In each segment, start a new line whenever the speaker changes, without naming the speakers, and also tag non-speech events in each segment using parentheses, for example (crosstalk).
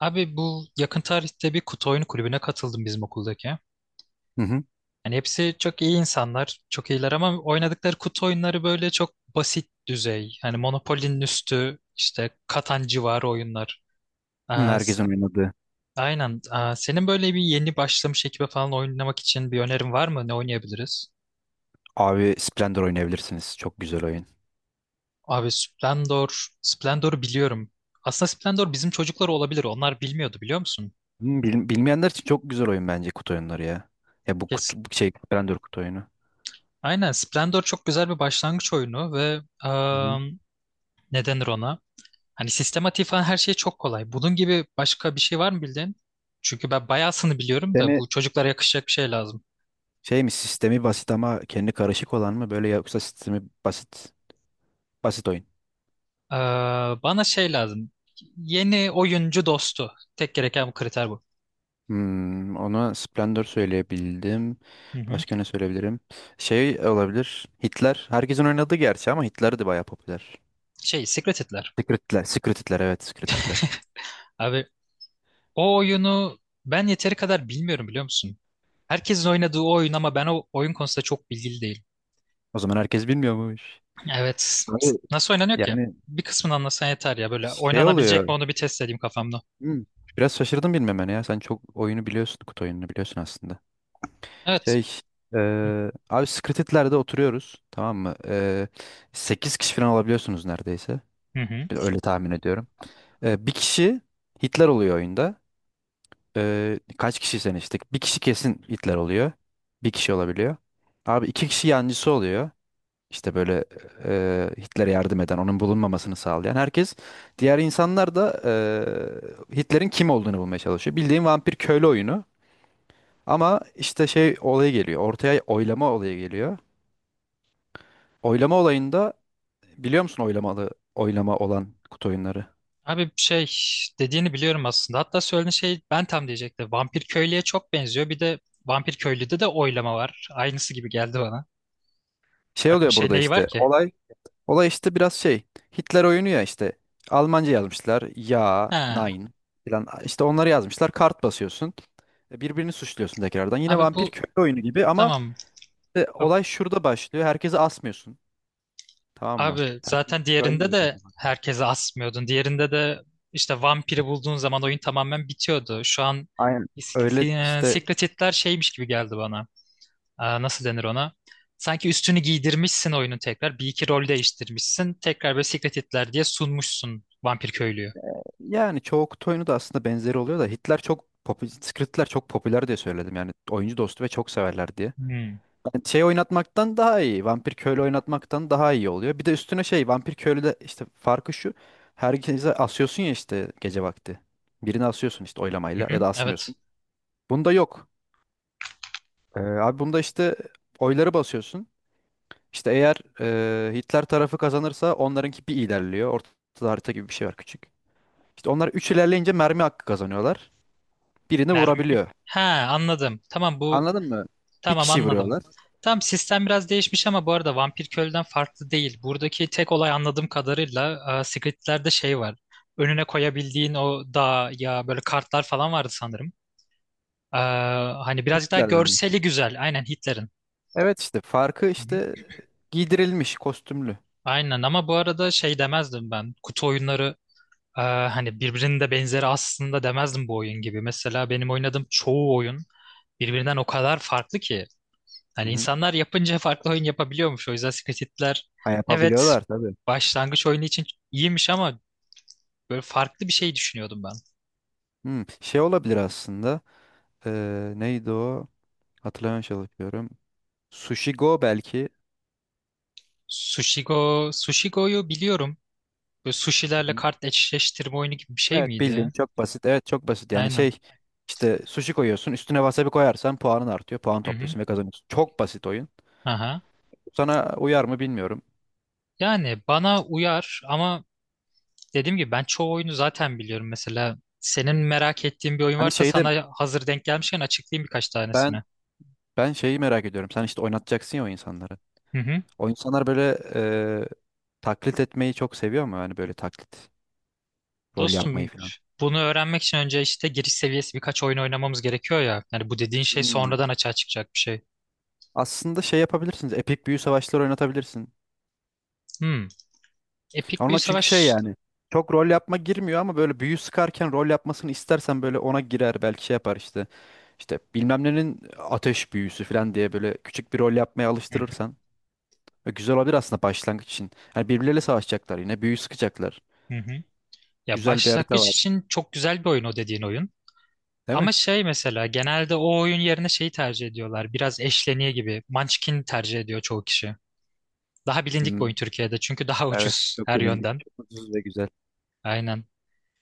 Abi bu yakın tarihte bir kutu oyunu kulübüne katıldım bizim okuldaki.
Hı hı.
Hani hepsi çok iyi insanlar, çok iyiler ama oynadıkları kutu oyunları böyle çok basit düzey. Hani Monopoly'nin üstü, işte Katan civarı oyunlar.
Hı,
Aa,
herkesin oynadığı.
aynen. Aa, senin böyle bir yeni başlamış ekibe falan oynamak için bir önerin var mı? Ne oynayabiliriz?
Abi Splendor oynayabilirsiniz. Çok güzel oyun.
Abi Splendor, Splendor'u biliyorum. Aslında Splendor bizim çocuklar olabilir. Onlar bilmiyordu biliyor musun?
Hı, bilmeyenler için çok güzel oyun bence kutu oyunları ya. Ya bu kutu,
Kesin.
bu şey Splendor kutu oyunu.
Aynen Splendor çok güzel bir başlangıç oyunu ve
Hı hı.
ne denir ona? Hani sistematik falan her şey çok kolay. Bunun gibi başka bir şey var mı bildiğin? Çünkü ben bayağısını biliyorum da
Sistemi
bu çocuklara yakışacak bir şey lazım.
şey mi, sistemi basit ama kendi karışık olan mı böyle, yoksa sistemi basit oyun?
Ee, Bana şey lazım. Yeni oyuncu dostu. Tek gereken bu, kriter bu.
Ona Splendor söyleyebildim.
Hı hı.
Başka ne söyleyebilirim? Şey olabilir. Hitler. Herkesin oynadığı gerçi ama Hitler de bayağı popüler.
Şey, Secret Hitler.
Secret Hitler. Secret Hitler, evet, Secret Hitler.
Abi o oyunu ben yeteri kadar bilmiyorum biliyor musun? Herkesin oynadığı o oyun ama ben o oyun konusunda çok bilgili değilim.
O zaman herkes bilmiyormuş.
Evet.
Abi,
Nasıl oynanıyor ki?
yani
Bir kısmını anlasan yeter ya. Böyle
şey
oynanabilecek mi
oluyor.
onu bir test edeyim kafamda.
hmm, Biraz şaşırdım bilmemene ya. Sen çok oyunu biliyorsun. Kutu oyununu biliyorsun aslında.
Evet.
Şey abi, Secreted'lerde oturuyoruz. Tamam mı? 8 kişi falan olabiliyorsunuz neredeyse.
Hı hı.
Öyle tahmin ediyorum. Bir kişi Hitler oluyor oyunda. Kaç kişi sen işte? Bir kişi kesin Hitler oluyor. Bir kişi olabiliyor. Abi iki kişi yancısı oluyor. İşte böyle, Hitler'e yardım eden, onun bulunmamasını sağlayan herkes, diğer insanlar da Hitler'in kim olduğunu bulmaya çalışıyor. Bildiğin vampir köylü oyunu. Ama işte şey olayı geliyor. Ortaya oylama olayı geliyor. Oylama olayında, biliyor musun oylamalı oylama olan kutu oyunları?
Abi şey dediğini biliyorum aslında. Hatta söylediğin şey ben tam diyecektim. Vampir köylüye çok benziyor. Bir de vampir köylüde de oylama var. Aynısı gibi geldi bana.
Şey
Bak bir
oluyor
şey
burada
neyi var
işte.
ki?
Olay, olay işte biraz şey. Hitler oyunu ya işte. Almanca yazmışlar. Ya,
Ha,
nein falan. İşte onları yazmışlar. Kart basıyorsun. Birbirini suçluyorsun tekrardan. Yine
abi
vampir
bu
köylü oyunu gibi ama
tamam.
İşte
Ab-
olay şurada başlıyor. Herkese asmıyorsun. Tamam mı?
Abi
Herkes
zaten diğerinde
ölmüyor
de
kendini.
herkese asmıyordun. Diğerinde de işte vampiri bulduğun zaman oyun tamamen bitiyordu. Şu an
Aynen öyle işte,
Secret Hitler şeymiş gibi geldi bana. Aa, nasıl denir ona? Sanki üstünü giydirmişsin oyunu tekrar. Bir iki rol değiştirmişsin. Tekrar böyle Secret Hitler diye sunmuşsun vampir köylüyü.
yani çoğu kutu oyunu da aslında benzeri oluyor da Hitler çok Skritler çok popüler diye söyledim yani, oyuncu dostu ve çok severler diye.
Hmm.
Yani şey oynatmaktan daha iyi, vampir köylü oynatmaktan daha iyi oluyor. Bir de üstüne şey, vampir köylüde işte farkı şu: herkese asıyorsun ya işte gece vakti. Birini asıyorsun işte oylamayla, ya
Hı-hı.
da
Evet.
asmıyorsun. Bunda yok. Abi bunda işte oyları basıyorsun. İşte eğer Hitler tarafı kazanırsa onlarınki bir ilerliyor. Ortada harita gibi bir şey var, küçük. İşte onlar 3 ilerleyince mermi hakkı kazanıyorlar. Birini
Mermi.
vurabiliyor.
Ha, anladım. Tamam bu,
Anladın mı? Bir
tamam
kişi
anladım.
vuruyorlar.
Tamam, sistem biraz değişmiş ama bu arada vampir köylüden farklı değil. Buradaki tek olay anladığım kadarıyla, aa, Secret Hitler'de şey var. Önüne koyabildiğin o dağ ya, böyle kartlar falan vardı sanırım. Aa, hani birazcık daha
Hitler'den mi?
görseli güzel. Aynen Hitler'in.
Evet, işte farkı işte giydirilmiş, kostümlü.
Aynen ama bu arada şey demezdim ben. Kutu oyunları, e, hani birbirinin de benzeri aslında demezdim bu oyun gibi. Mesela benim oynadığım çoğu oyun birbirinden o kadar farklı ki.
Hı
Hani
hı.
insanlar yapınca farklı oyun yapabiliyormuş. O yüzden Secret Hitler,
Ha,
evet,
yapabiliyorlar tabii.
başlangıç oyunu için iyiymiş ama böyle farklı bir şey düşünüyordum ben.
Hı, şey olabilir aslında. Neydi o? Hatırlamaya çalışıyorum. Sushi Go belki.
Sushigo, Sushigo'yu biliyorum. Böyle sushilerle kart eşleştirme oyunu gibi bir şey
Evet, bildiğin
miydi?
çok basit. Evet, çok basit. Yani
Aynen.
şey işte sushi koyuyorsun, üstüne wasabi koyarsan puanın artıyor. Puan
Hı hı.
topluyorsun ve kazanıyorsun. Çok basit oyun.
Aha.
Sana uyar mı bilmiyorum.
Yani bana uyar ama dediğim gibi ben çoğu oyunu zaten biliyorum. Mesela senin merak ettiğin bir oyun
Hani
varsa
şeyde
sana hazır denk gelmişken açıklayayım birkaç
ben
tanesini.
ben şeyi merak ediyorum. Sen işte oynatacaksın ya o insanları.
Hı hı.
O insanlar böyle, e, taklit etmeyi çok seviyor mu? Hani böyle taklit, rol
Dostum,
yapmayı falan.
bunu öğrenmek için önce işte giriş seviyesi birkaç oyun oynamamız gerekiyor ya. Yani bu dediğin şey
Hmm.
sonradan açığa çıkacak bir şey.
Aslında şey yapabilirsiniz. Epik büyü savaşları oynatabilirsin.
Hmm. Epik bir
Ona çünkü şey
savaş.
yani çok rol yapma girmiyor ama böyle büyü sıkarken rol yapmasını istersen böyle ona girer belki, şey yapar işte. İşte bilmem nenin ateş büyüsü falan diye böyle küçük bir rol yapmaya
Hı
alıştırırsan. Güzel olabilir aslında başlangıç için. Hani birbirleriyle savaşacaklar, yine büyü sıkacaklar.
hı. Hı hı. Ya
Güzel bir harita
başlangıç
var,
için çok güzel bir oyun o dediğin oyun.
değil mi?
Ama şey mesela genelde o oyun yerine şeyi tercih ediyorlar. Biraz eşleniği gibi. Munchkin tercih ediyor çoğu kişi. Daha bilindik bir
Hmm,
oyun Türkiye'de çünkü daha (laughs)
evet,
ucuz
çok
her
bilindik.
yönden.
Çok ucuz ve güzel.
Aynen.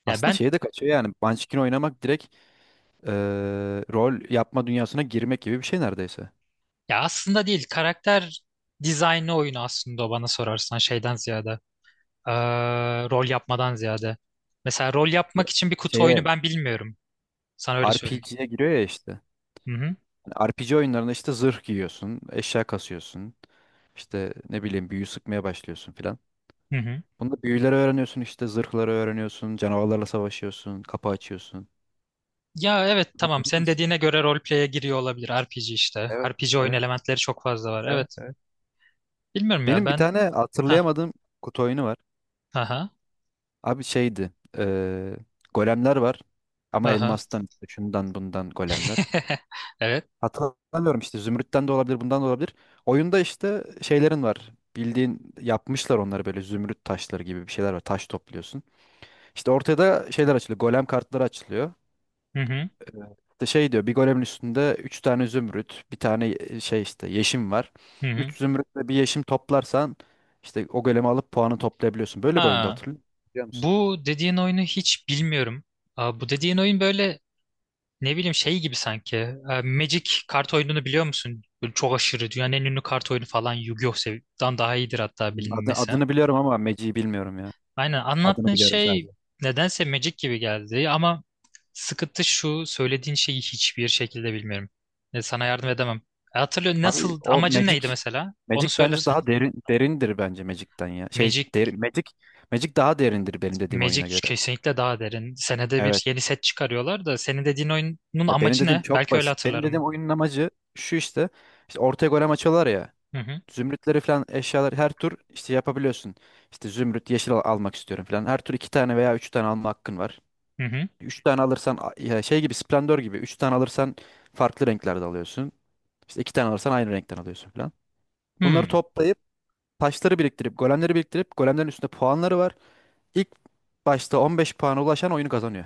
Ya
Aslında
ben
şeye de kaçıyor yani, Munchkin oynamak direkt eee, rol yapma dünyasına girmek gibi bir şey neredeyse.
ya aslında değil, karakter dizaynı oyunu aslında o bana sorarsan şeyden ziyade, eee, rol yapmadan ziyade. Mesela rol
Ya-
yapmak için bir kutu
Şeye
oyunu ben bilmiyorum. Sana öyle söyleyeyim.
RPG'ye giriyor ya işte.
Hı hı.
RPG oyunlarında işte zırh giyiyorsun, eşya kasıyorsun. İşte ne bileyim büyü sıkmaya başlıyorsun filan.
Hı hı.
Bunda büyüleri öğreniyorsun, işte zırhları öğreniyorsun, canavarlarla savaşıyorsun, kapı açıyorsun.
Ya evet,
Ay,
tamam, senin dediğine göre roleplay'e giriyor olabilir RPG işte.
evet,
RPG oyun
evet,
elementleri çok fazla var.
evet.
Evet. Bilmiyorum ya
Benim bir
ben.
tane
Ha
hatırlayamadığım kutu oyunu var.
ha
Abi şeydi, eee, golemler var, ama
ha. (laughs)
elmastan işte, şundan bundan golemler.
Evet.
Hatırlamıyorum işte, zümrütten de olabilir, bundan da olabilir. Oyunda işte şeylerin var. Bildiğin yapmışlar onları, böyle zümrüt taşları gibi bir şeyler var. Taş topluyorsun. İşte ortaya da şeyler açılıyor. Golem kartları açılıyor.
Hı hı.
İşte şey diyor, bir golemin üstünde 3 tane zümrüt, bir tane şey işte yeşim var.
Hı hı.
3 zümrüt ve bir yeşim toplarsan işte o golemi alıp puanı toplayabiliyorsun. Böyle bir oyunda,
Ha,
hatırlıyorum. Musun?
bu dediğin oyunu hiç bilmiyorum. Aa, bu dediğin oyun böyle, ne bileyim, şey gibi sanki. E, Magic kart oyununu biliyor musun? Böyle çok aşırı, dünyanın en ünlü kart oyunu falan, Yu-Gi-Oh'dan daha iyidir hatta
Hmm. Adı,
bilinmesi.
adını biliyorum ama Magic'i bilmiyorum ya.
Aynen,
Adını
anlattığın
biliyorum
şey
sadece.
nedense Magic gibi geldi ama sıkıntı şu, söylediğin şeyi hiçbir şekilde bilmiyorum. E, sana yardım edemem. E, hatırlıyor,
Abi
nasıl,
o
amacın neydi
Magic
mesela? Onu
Magic bence
söylersen.
daha derin, derindir bence Magic'ten ya. Şey
Magic
derin Magic, Magic daha derindir benim dediğim oyuna
Magic
göre.
kesinlikle daha derin. Senede bir
Evet.
yeni set çıkarıyorlar da senin dediğin oyunun
Ya benim
amacı
dediğim
ne?
çok
Belki öyle
basit. Benim dediğim
hatırlarım.
oyunun amacı şu işte. İşte ortaya golem açıyorlar ya.
Hı hı.
Zümrütleri falan, eşyalar her tur işte yapabiliyorsun. İşte zümrüt yeşil almak istiyorum falan. Her tur iki tane veya üç tane alma hakkın var.
Hı hı.
Üç tane alırsan ya şey gibi, Splendor gibi. Üç tane alırsan farklı renklerde alıyorsun. İşte iki tane alırsan aynı renkten alıyorsun falan. Bunları
Hı.
toplayıp, taşları biriktirip, golemleri biriktirip, golemlerin üstünde puanları var. İlk başta 15 puana ulaşan oyunu kazanıyor.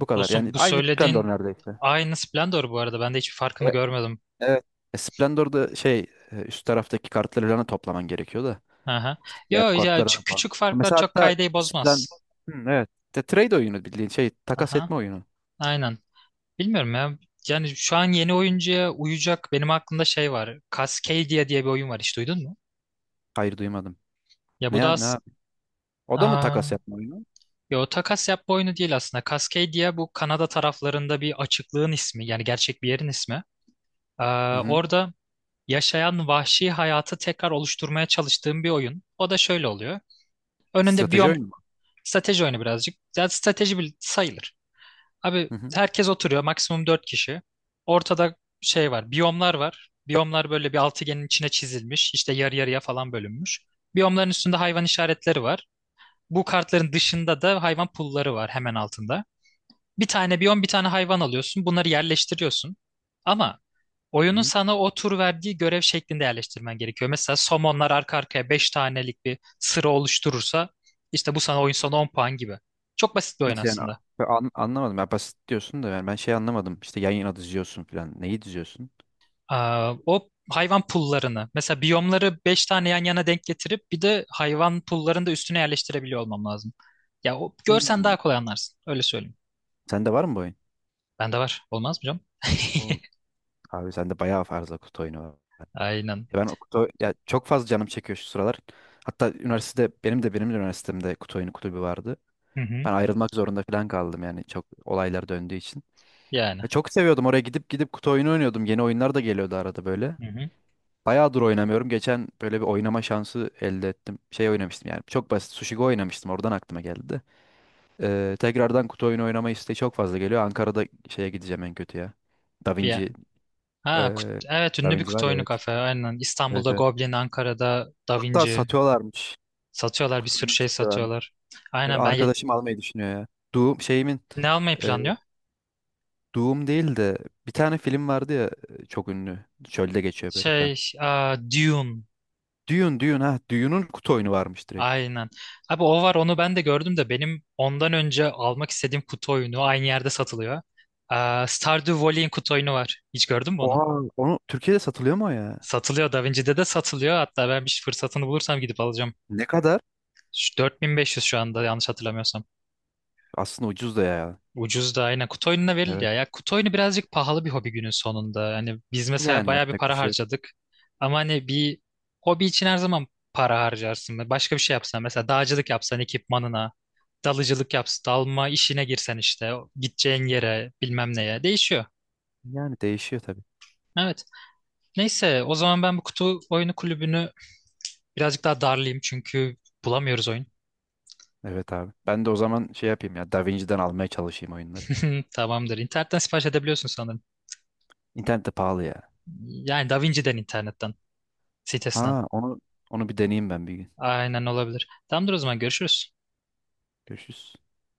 Bu kadar. Yani
Dostum, bu
aynı Splendor
söylediğin
neredeyse.
aynı Splendor bu arada. Ben de hiçbir farkını
E-
görmedim.
Evet. Splendor'da şey, üst taraftaki kartları falan da toplaman gerekiyor da.
Aha.
İşte diğer
Yo ya,
kartlara
çok
falan.
küçük farklar
Mesela
çok
hatta
kaydeyi
Splen
bozmaz.
Evet. De, trade oyunu, bildiğin şey, takas
Aha.
etme oyunu.
Aynen. Bilmiyorum ya. Yani şu an yeni oyuncuya uyacak benim aklımda şey var. Cascadia diye bir oyun var, hiç duydun mu?
Hayır, duymadım.
Ya
Ne
bu da
ne,
as
abi? O da mı
Aa,
takas yapma oyunu?
yo, takas yapma oyunu değil aslında. Cascadia bu Kanada taraflarında bir açıklığın ismi. Yani gerçek bir yerin ismi.
Hı
Aa,
hı.
orada yaşayan vahşi hayatı tekrar oluşturmaya çalıştığım bir oyun. O da şöyle oluyor. Önünde
Strateji
biyom.
oyunu mu?
Strateji oyunu birazcık. Zaten strateji sayılır. Abi
Hı hı.
herkes oturuyor. Maksimum 4 kişi. Ortada şey var. Biyomlar var. Biyomlar böyle bir altıgenin içine çizilmiş, işte yarı yarıya falan bölünmüş. Biyomların üstünde hayvan işaretleri var. Bu kartların dışında da hayvan pulları var hemen altında. Bir tane biyon, bir tane hayvan alıyorsun. Bunları yerleştiriyorsun. Ama oyunun
Hı.
sana o tur verdiği görev şeklinde yerleştirmen gerekiyor. Mesela somonlar arka arkaya 5 tanelik bir sıra oluşturursa işte bu sana oyun sonu 10 puan gibi. Çok basit bir oyun
Nasıl yani?
aslında.
Ben anlamadım. Ya basit diyorsun da, yani ben şey anlamadım. İşte yan yana diziyorsun falan. Neyi diziyorsun?
Aa, o hayvan pullarını mesela, biyomları 5 tane yan yana denk getirip bir de hayvan pullarını da üstüne yerleştirebiliyor olmam lazım. Ya o, görsen
Hmm.
daha kolay anlarsın. Öyle söyleyeyim.
Sende var mı bu oyun?
Bende var. Olmaz mı canım?
Oo.
(laughs)
Abi sende bayağı fazla kutu oyunu var.
Aynen.
Ya ben o kutu ya, çok fazla canım çekiyor şu sıralar. Hatta üniversitede benim de üniversitemde kutu oyunu kulübü vardı.
Hı hı.
Ben ayrılmak zorunda falan kaldım yani, çok olaylar döndüğü için.
Yani.
Ya çok seviyordum, oraya gidip gidip kutu oyunu oynuyordum. Yeni oyunlar da geliyordu arada böyle.
Hı hı.
Bayağıdır oynamıyorum. Geçen böyle bir oynama şansı elde ettim. Şey oynamıştım yani, çok basit Sushi oynamıştım, oradan aklıma geldi de. Tekrardan kutu oyunu oynama isteği çok fazla geliyor. Ankara'da şeye gideceğim en kötü ya. Da
Bir,
Vinci,
Ha,
ee,
evet,
Da
ünlü bir
Vinci var
kutu
ya,
oyunu
evet.
kafe. Aynen.
Evet,
İstanbul'da
evet.
Goblin, Ankara'da Da
Hatta
Vinci.
satıyorlarmış.
Satıyorlar, bir
Kutu
sürü
oyunu
şey
satıyorlarmış.
satıyorlar. Aynen ben
Arkadaşım almayı düşünüyor ya. Doom şeyimin,
ne almayı
e,
planlıyor?
Doom değil de bir tane film vardı ya, çok ünlü. Çölde geçiyor böyle falan.
Şey, aa, Dune.
Dune, Dune, ha. Dune'un kutu oyunu varmış direkt.
Aynen. Abi o var, onu ben de gördüm de benim ondan önce almak istediğim kutu oyunu aynı yerde satılıyor. Aa, Stardew Valley'in kutu oyunu var. Hiç gördün mü onu?
Oha. Onu Türkiye'de satılıyor mu o ya?
Satılıyor. Da Vinci'de de satılıyor. Hatta ben bir fırsatını bulursam gidip alacağım.
Ne kadar?
Şu 4.500 şu anda, yanlış hatırlamıyorsam.
Aslında ucuz da ya.
Ucuz da aynen. Kutu oyununa verildi
Evet.
ya. Ya kutu oyunu birazcık pahalı bir hobi günün sonunda. Hani biz mesela
Yani
bayağı bir
yapacak bir
para
şey yok.
harcadık. Ama hani bir hobi için her zaman para harcarsın. Başka bir şey yapsan mesela dağcılık yapsan ekipmanına, dalıcılık yapsan, dalma işine girsen işte gideceğin yere bilmem neye değişiyor.
Yani değişiyor tabii.
Evet. Neyse, o zaman ben bu kutu oyunu kulübünü birazcık daha darlayayım çünkü bulamıyoruz oyun.
Evet, abi. Ben de o zaman şey yapayım ya. DaVinci'den almaya çalışayım oyunları.
(laughs) Tamamdır. İnternetten sipariş edebiliyorsun sanırım.
İnternette pahalı ya.
Yani DaVinci'den, internetten, sitesinden.
Ha, onu bir deneyeyim ben bir gün.
Aynen, olabilir. Tamamdır, o zaman görüşürüz.
Görüşürüz.